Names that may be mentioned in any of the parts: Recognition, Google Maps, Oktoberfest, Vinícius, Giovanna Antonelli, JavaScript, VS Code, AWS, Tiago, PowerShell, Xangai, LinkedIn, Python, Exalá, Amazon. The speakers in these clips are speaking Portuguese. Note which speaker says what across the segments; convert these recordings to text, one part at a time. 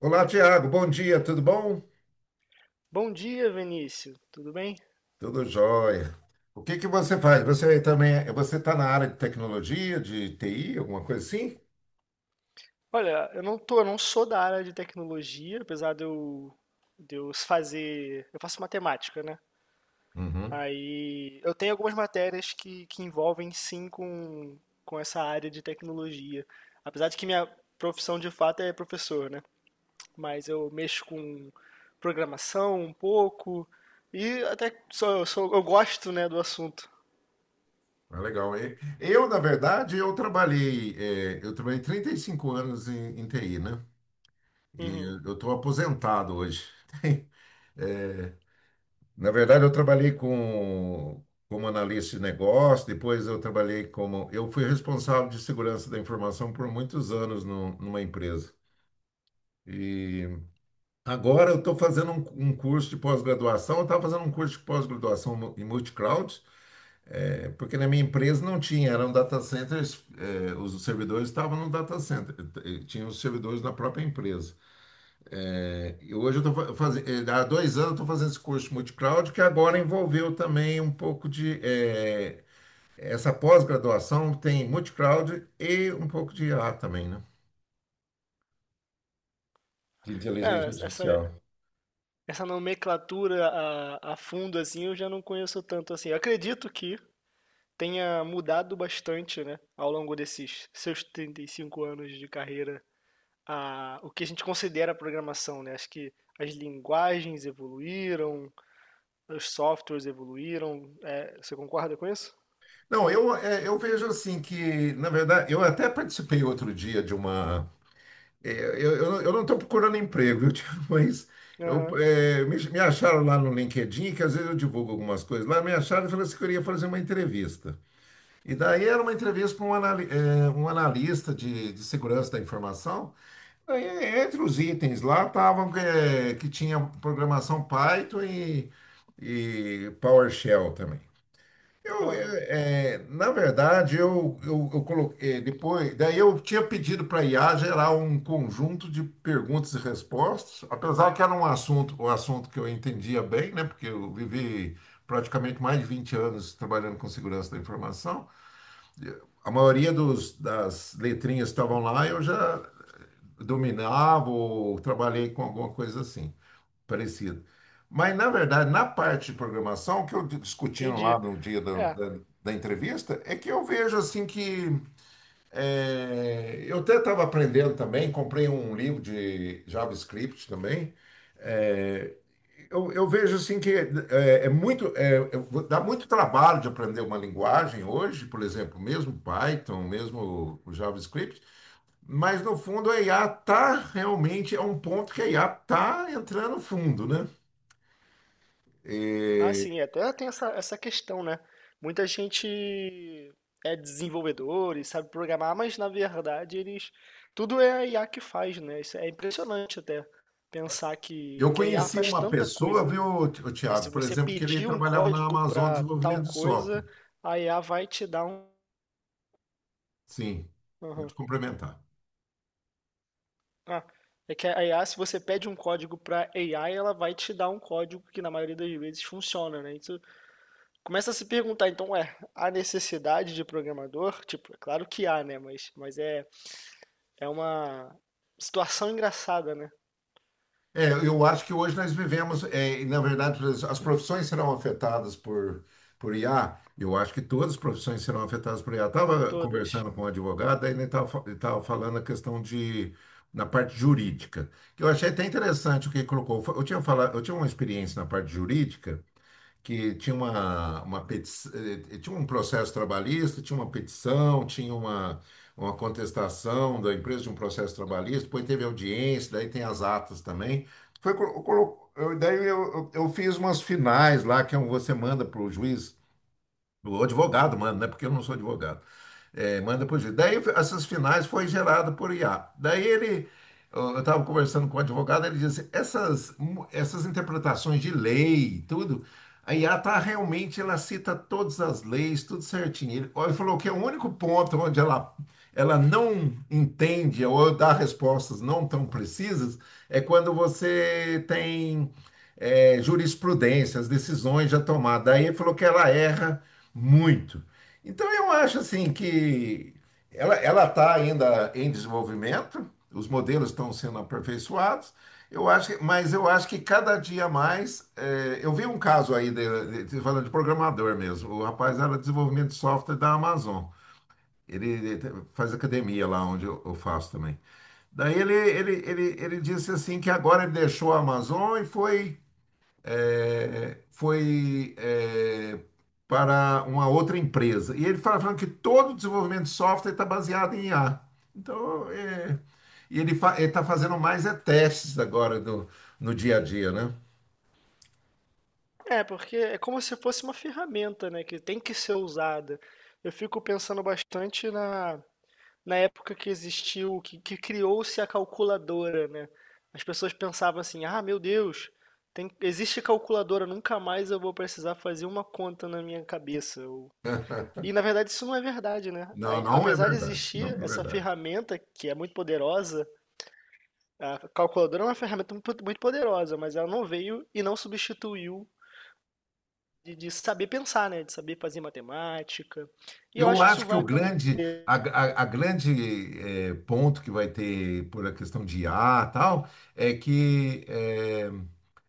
Speaker 1: Olá, Tiago. Bom dia, tudo bom?
Speaker 2: Bom dia, Vinícius. Tudo bem?
Speaker 1: Tudo jóia. O que que você faz? Você também, você está na área de tecnologia, de TI, alguma coisa assim?
Speaker 2: Olha, eu não sou da área de tecnologia, apesar de eu faço matemática, né?
Speaker 1: Uhum.
Speaker 2: Aí eu tenho algumas matérias que envolvem sim com essa área de tecnologia. Apesar de que minha profissão de fato é professor, né? Mas eu mexo com programação um pouco e até sou, eu gosto, né, do assunto.
Speaker 1: Ah, legal. Eu, na verdade, eu trabalhei 35 anos em TI, né? E
Speaker 2: Uhum.
Speaker 1: eu estou aposentado hoje. Eh, Na verdade, eu trabalhei como analista de negócio, depois eu trabalhei Eu fui responsável de segurança da informação por muitos anos numa empresa. E... Agora eu estou fazendo um curso de pós-graduação, eu estava fazendo um curso de pós-graduação em multi-cloud, porque na minha empresa não tinha, eram data centers, os servidores estavam no data center, tinha os servidores na própria empresa. É, e hoje eu estou fazendo, há 2 anos eu estou fazendo esse curso de multi-cloud, que agora envolveu também um pouco de, essa pós-graduação tem multi-cloud e um pouco de IA também, né? De
Speaker 2: É,
Speaker 1: inteligência
Speaker 2: essa,
Speaker 1: artificial.
Speaker 2: Essa nomenclatura a fundo, assim, eu já não conheço tanto assim. Eu acredito que tenha mudado bastante, né, ao longo desses seus 35 anos de carreira, o que a gente considera programação, né? Acho que as linguagens evoluíram, os softwares evoluíram. É, você concorda com isso?
Speaker 1: Não, eu vejo assim que, na verdade, eu até participei outro dia de uma. Eu não estou procurando emprego, viu, tio? Mas eu,
Speaker 2: Aham,
Speaker 1: é, me, me acharam lá no LinkedIn, que às vezes eu divulgo algumas coisas lá, me acharam e falaram assim que eu ia fazer uma entrevista. E daí era uma entrevista para um analista de segurança da informação. Daí, entre os itens lá estavam que tinha programação Python e PowerShell também. Eu, eu,
Speaker 2: aham,
Speaker 1: é, na verdade, eu coloquei depois, daí eu tinha pedido para a IA gerar um conjunto de perguntas e respostas, apesar que era um assunto, o assunto que eu entendia bem, né? Porque eu vivi praticamente mais de 20 anos trabalhando com segurança da informação. A maioria das letrinhas que estavam lá eu já dominava ou trabalhei com alguma coisa assim parecido. Mas, na verdade, na parte de programação, o que eu discutindo lá
Speaker 2: entendi.
Speaker 1: no dia da,
Speaker 2: É,
Speaker 1: da, da entrevista, é que eu vejo assim que eu até estava aprendendo também, comprei um livro de JavaScript também. Eu vejo assim que dá muito trabalho de aprender uma linguagem hoje, por exemplo, mesmo Python, mesmo o JavaScript, mas no fundo a IA tá realmente, é um ponto que a IA tá entrando fundo, né?
Speaker 2: Ah, sim, é, até tem essa questão, né? Muita gente é desenvolvedor e sabe programar, mas na verdade eles. Tudo é a IA que faz, né? Isso é impressionante até pensar
Speaker 1: Eu
Speaker 2: que a IA
Speaker 1: conheci
Speaker 2: faz
Speaker 1: uma
Speaker 2: tanta
Speaker 1: pessoa,
Speaker 2: coisa.
Speaker 1: viu, o
Speaker 2: Se
Speaker 1: Tiago, por
Speaker 2: você
Speaker 1: exemplo, que ele
Speaker 2: pedir um
Speaker 1: trabalhava na
Speaker 2: código
Speaker 1: Amazon
Speaker 2: para tal
Speaker 1: Desenvolvimento de Software.
Speaker 2: coisa, a IA vai te dar um.
Speaker 1: Sim,
Speaker 2: Aham.
Speaker 1: pode complementar.
Speaker 2: Ah, é que a IA, se você pede um código para AI, ela vai te dar um código que na maioria das vezes funciona, né? Isso começa a se perguntar, então, é há necessidade de programador? Tipo, é claro que há, né? Mas é uma situação engraçada, né?
Speaker 1: É, eu acho que hoje nós vivemos, na verdade, as profissões serão afetadas por IA. Eu acho que todas as profissões serão afetadas por IA. Estava
Speaker 2: Todas.
Speaker 1: conversando com um advogado, aí ele estava falando a questão de, na parte jurídica, que eu achei até interessante o que ele colocou. Eu tinha uma experiência na parte jurídica, que tinha uma petição, tinha um processo trabalhista, tinha uma petição, tinha uma contestação da empresa de um processo trabalhista, depois teve audiência, daí tem as atas também. Foi, colo- colo- eu, daí eu fiz umas finais lá, que é um, você manda para o juiz o advogado manda, né? Porque eu não sou advogado. É, manda por juiz. Daí essas finais foi gerado por IA. Daí eu estava conversando com o advogado, ele disse, essas interpretações de lei, e tudo, a IA tá realmente, ela cita todas as leis, tudo certinho. Ele, ó, ele falou que é o único ponto onde ela não entende ou dá respostas não tão precisas é quando você tem jurisprudência, as decisões já tomadas. Daí ele falou que ela erra muito. Então eu acho assim que ela está ainda em desenvolvimento, os modelos estão sendo aperfeiçoados. Mas eu acho que cada dia mais, eu vi um caso aí falando de programador mesmo. O rapaz era desenvolvimento de software da Amazon. Ele faz academia lá onde eu faço também. Daí ele disse assim que agora ele
Speaker 2: Uhum.
Speaker 1: deixou a Amazon e foi para uma outra empresa. E ele falando que todo o desenvolvimento de software está baseado em IA. Então, e ele ele está fazendo mais testes agora no dia a dia, né?
Speaker 2: É, porque é como se fosse uma ferramenta, né? Que tem que ser usada. Eu fico pensando bastante na época que existiu, que criou-se a calculadora, né? As pessoas pensavam assim, ah, meu Deus, tem, existe calculadora, nunca mais eu vou precisar fazer uma conta na minha cabeça. Ou e na verdade isso não é verdade, né?
Speaker 1: Não,
Speaker 2: A-
Speaker 1: não é
Speaker 2: Apesar de
Speaker 1: verdade. Não
Speaker 2: existir
Speaker 1: é
Speaker 2: essa
Speaker 1: verdade.
Speaker 2: ferramenta que é muito poderosa, a calculadora é uma ferramenta muito muito poderosa, mas ela não veio e não substituiu de saber pensar, né? De saber fazer matemática. E eu
Speaker 1: Eu
Speaker 2: acho que isso
Speaker 1: acho que
Speaker 2: vai
Speaker 1: o grande,
Speaker 2: acontecer.
Speaker 1: a grande ponto que vai ter por a questão de IA e tal, é que, eh,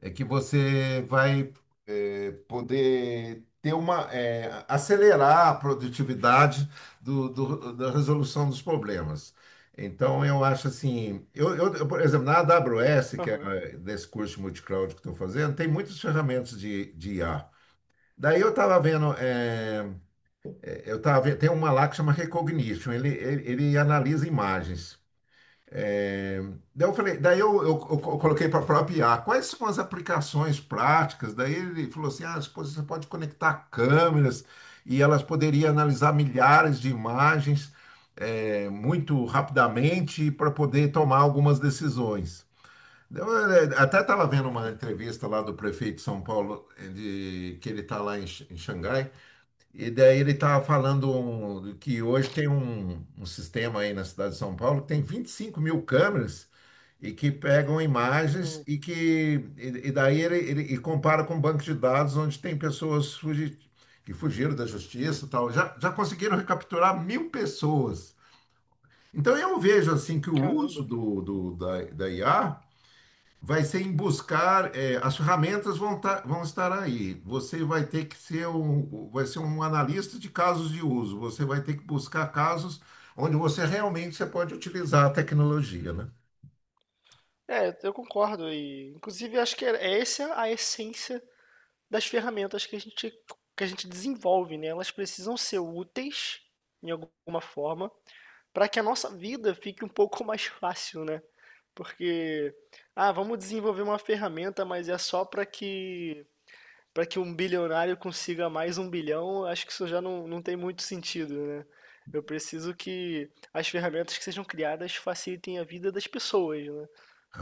Speaker 1: é, que você vai poder ter acelerar a produtividade da resolução dos problemas. Então, eu acho assim, eu, por exemplo, na AWS, que é
Speaker 2: Aham.
Speaker 1: desse curso de multicloud que estou fazendo, tem muitas ferramentas de IA. Daí eu estava vendo. Eh, eu tava vendo, tem uma lá que chama Recognition, ele analisa imagens. É. Daí eu coloquei para a própria IA, quais são as aplicações práticas? Daí ele falou assim, ah, pô, você pode conectar câmeras e elas poderiam analisar milhares de imagens muito rapidamente para poder tomar algumas decisões. Eu até estava vendo uma entrevista lá do prefeito de São Paulo, que ele está lá em Xangai, e daí ele estava falando que hoje tem um sistema aí na cidade de São Paulo que tem 25 mil câmeras e que pegam imagens
Speaker 2: Uhum.
Speaker 1: e daí ele compara com um banco de dados onde tem pessoas que fugiram da justiça e tal. Já conseguiram recapturar 1.000 pessoas. Então eu vejo assim que o uso
Speaker 2: Caramba.
Speaker 1: da IA vai ser em buscar, as ferramentas vão estar aí. Você vai ter que vai ser um analista de casos de uso. Você vai ter que buscar casos onde você realmente você pode utilizar a tecnologia, né?
Speaker 2: É, eu concordo. E, inclusive, acho que é essa a essência das ferramentas que que a gente desenvolve, né? Elas precisam ser úteis em alguma forma para que a nossa vida fique um pouco mais fácil, né? Porque, ah, vamos desenvolver uma ferramenta, mas é só para que um bilionário consiga mais um bilhão, acho que isso já não tem muito sentido, né? Eu preciso que as ferramentas que sejam criadas facilitem a vida das pessoas, né?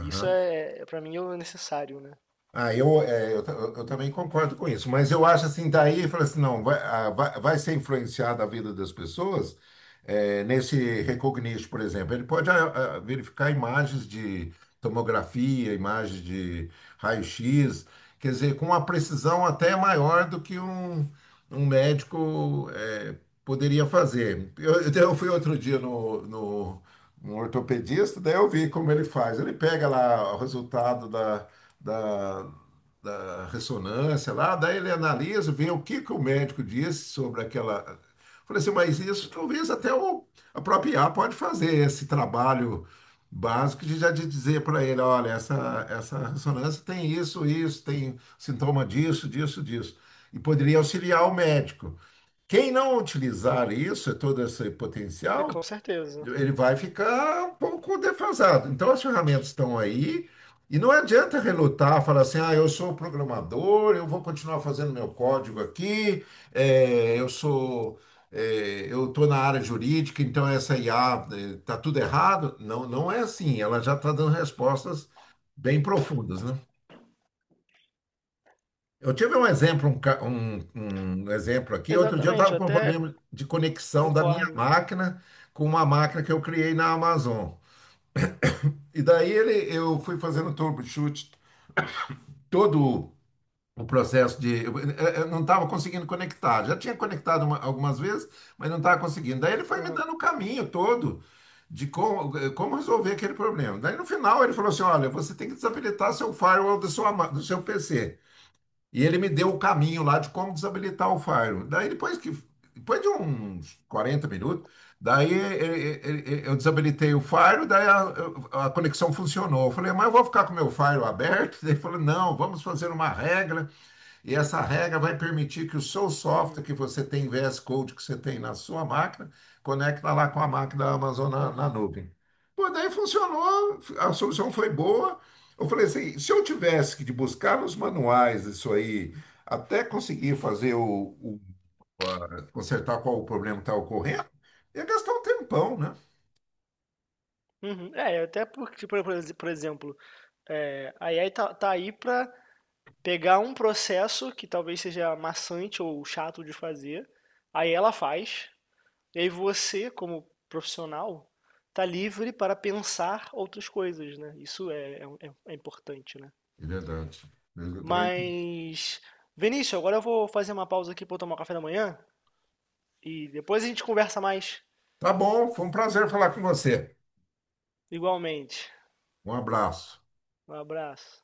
Speaker 2: Isso é, para mim, é o necessário, né?
Speaker 1: Ah, eu, é, eu, ta- eu também concordo com isso, mas eu acho assim, daí fala assim, não, vai ser influenciada a vida das pessoas, nesse Recognition, por exemplo. Ele pode verificar imagens de tomografia, imagens de raio-x, quer dizer, com uma precisão até maior do que um médico poderia fazer. Eu fui outro dia no ortopedista, daí eu vi como ele faz. Ele pega lá o resultado da, da ressonância lá, daí ele analisa, vê o que que o médico disse sobre aquela. Falei assim, mas isso talvez até a própria IA pode fazer esse trabalho básico de dizer para ele, olha, essa ressonância tem isso, isso, tem sintoma disso, disso, disso. E poderia auxiliar o médico. Quem não utilizar isso, todo esse
Speaker 2: É,
Speaker 1: potencial,
Speaker 2: com certeza.
Speaker 1: ele vai ficar um pouco defasado. Então, as ferramentas estão aí e não adianta relutar, falar assim, ah, eu sou programador, eu vou continuar fazendo meu código aqui, eh, eu sou, eu estou na área jurídica, então essa IA está tudo errado. Não, não é assim, ela já está dando respostas bem profundas, né? Eu tive um exemplo, um exemplo aqui. Outro dia eu
Speaker 2: Exatamente,
Speaker 1: estava
Speaker 2: eu
Speaker 1: com um
Speaker 2: até
Speaker 1: problema de conexão da minha
Speaker 2: concordo.
Speaker 1: máquina com uma máquina que eu criei na Amazon. E daí eu fui fazendo troubleshoot, todo o processo de. Eu não estava conseguindo conectar. Já tinha conectado algumas vezes, mas não estava conseguindo. Daí ele foi me
Speaker 2: Aham,
Speaker 1: dando o caminho todo de como resolver aquele problema. Daí no final ele falou assim: olha, você tem que desabilitar seu firewall do seu PC. E ele me deu o caminho lá de como desabilitar o Fire. Daí depois de uns 40 minutos, daí eu desabilitei o Fire, daí a conexão funcionou. Eu falei, mas eu vou ficar com o meu Fire aberto? Ele falou, não, vamos fazer uma regra e essa regra vai permitir que o seu
Speaker 2: uhum,
Speaker 1: software que você tem, VS Code que você tem na sua máquina, conecta lá com a máquina da Amazon na
Speaker 2: uhum,
Speaker 1: nuvem. Pô, daí funcionou, a solução foi boa. Eu falei assim, se eu tivesse que de buscar nos manuais isso aí, até conseguir fazer consertar qual o problema que está ocorrendo, ia gastar um tempão, né?
Speaker 2: uhum. É, até porque, por exemplo, é, a AI tá aí para pegar um processo que talvez seja maçante ou chato de fazer, aí ela faz, e aí você, como profissional, tá livre para pensar outras coisas, né? É importante, né?
Speaker 1: É verdade. Eu também.
Speaker 2: Mas, Vinícius, agora eu vou fazer uma pausa aqui para eu tomar um café da manhã e depois a gente conversa mais,
Speaker 1: Tá bom, foi um prazer falar com você.
Speaker 2: igualmente.
Speaker 1: Um abraço.
Speaker 2: Um abraço.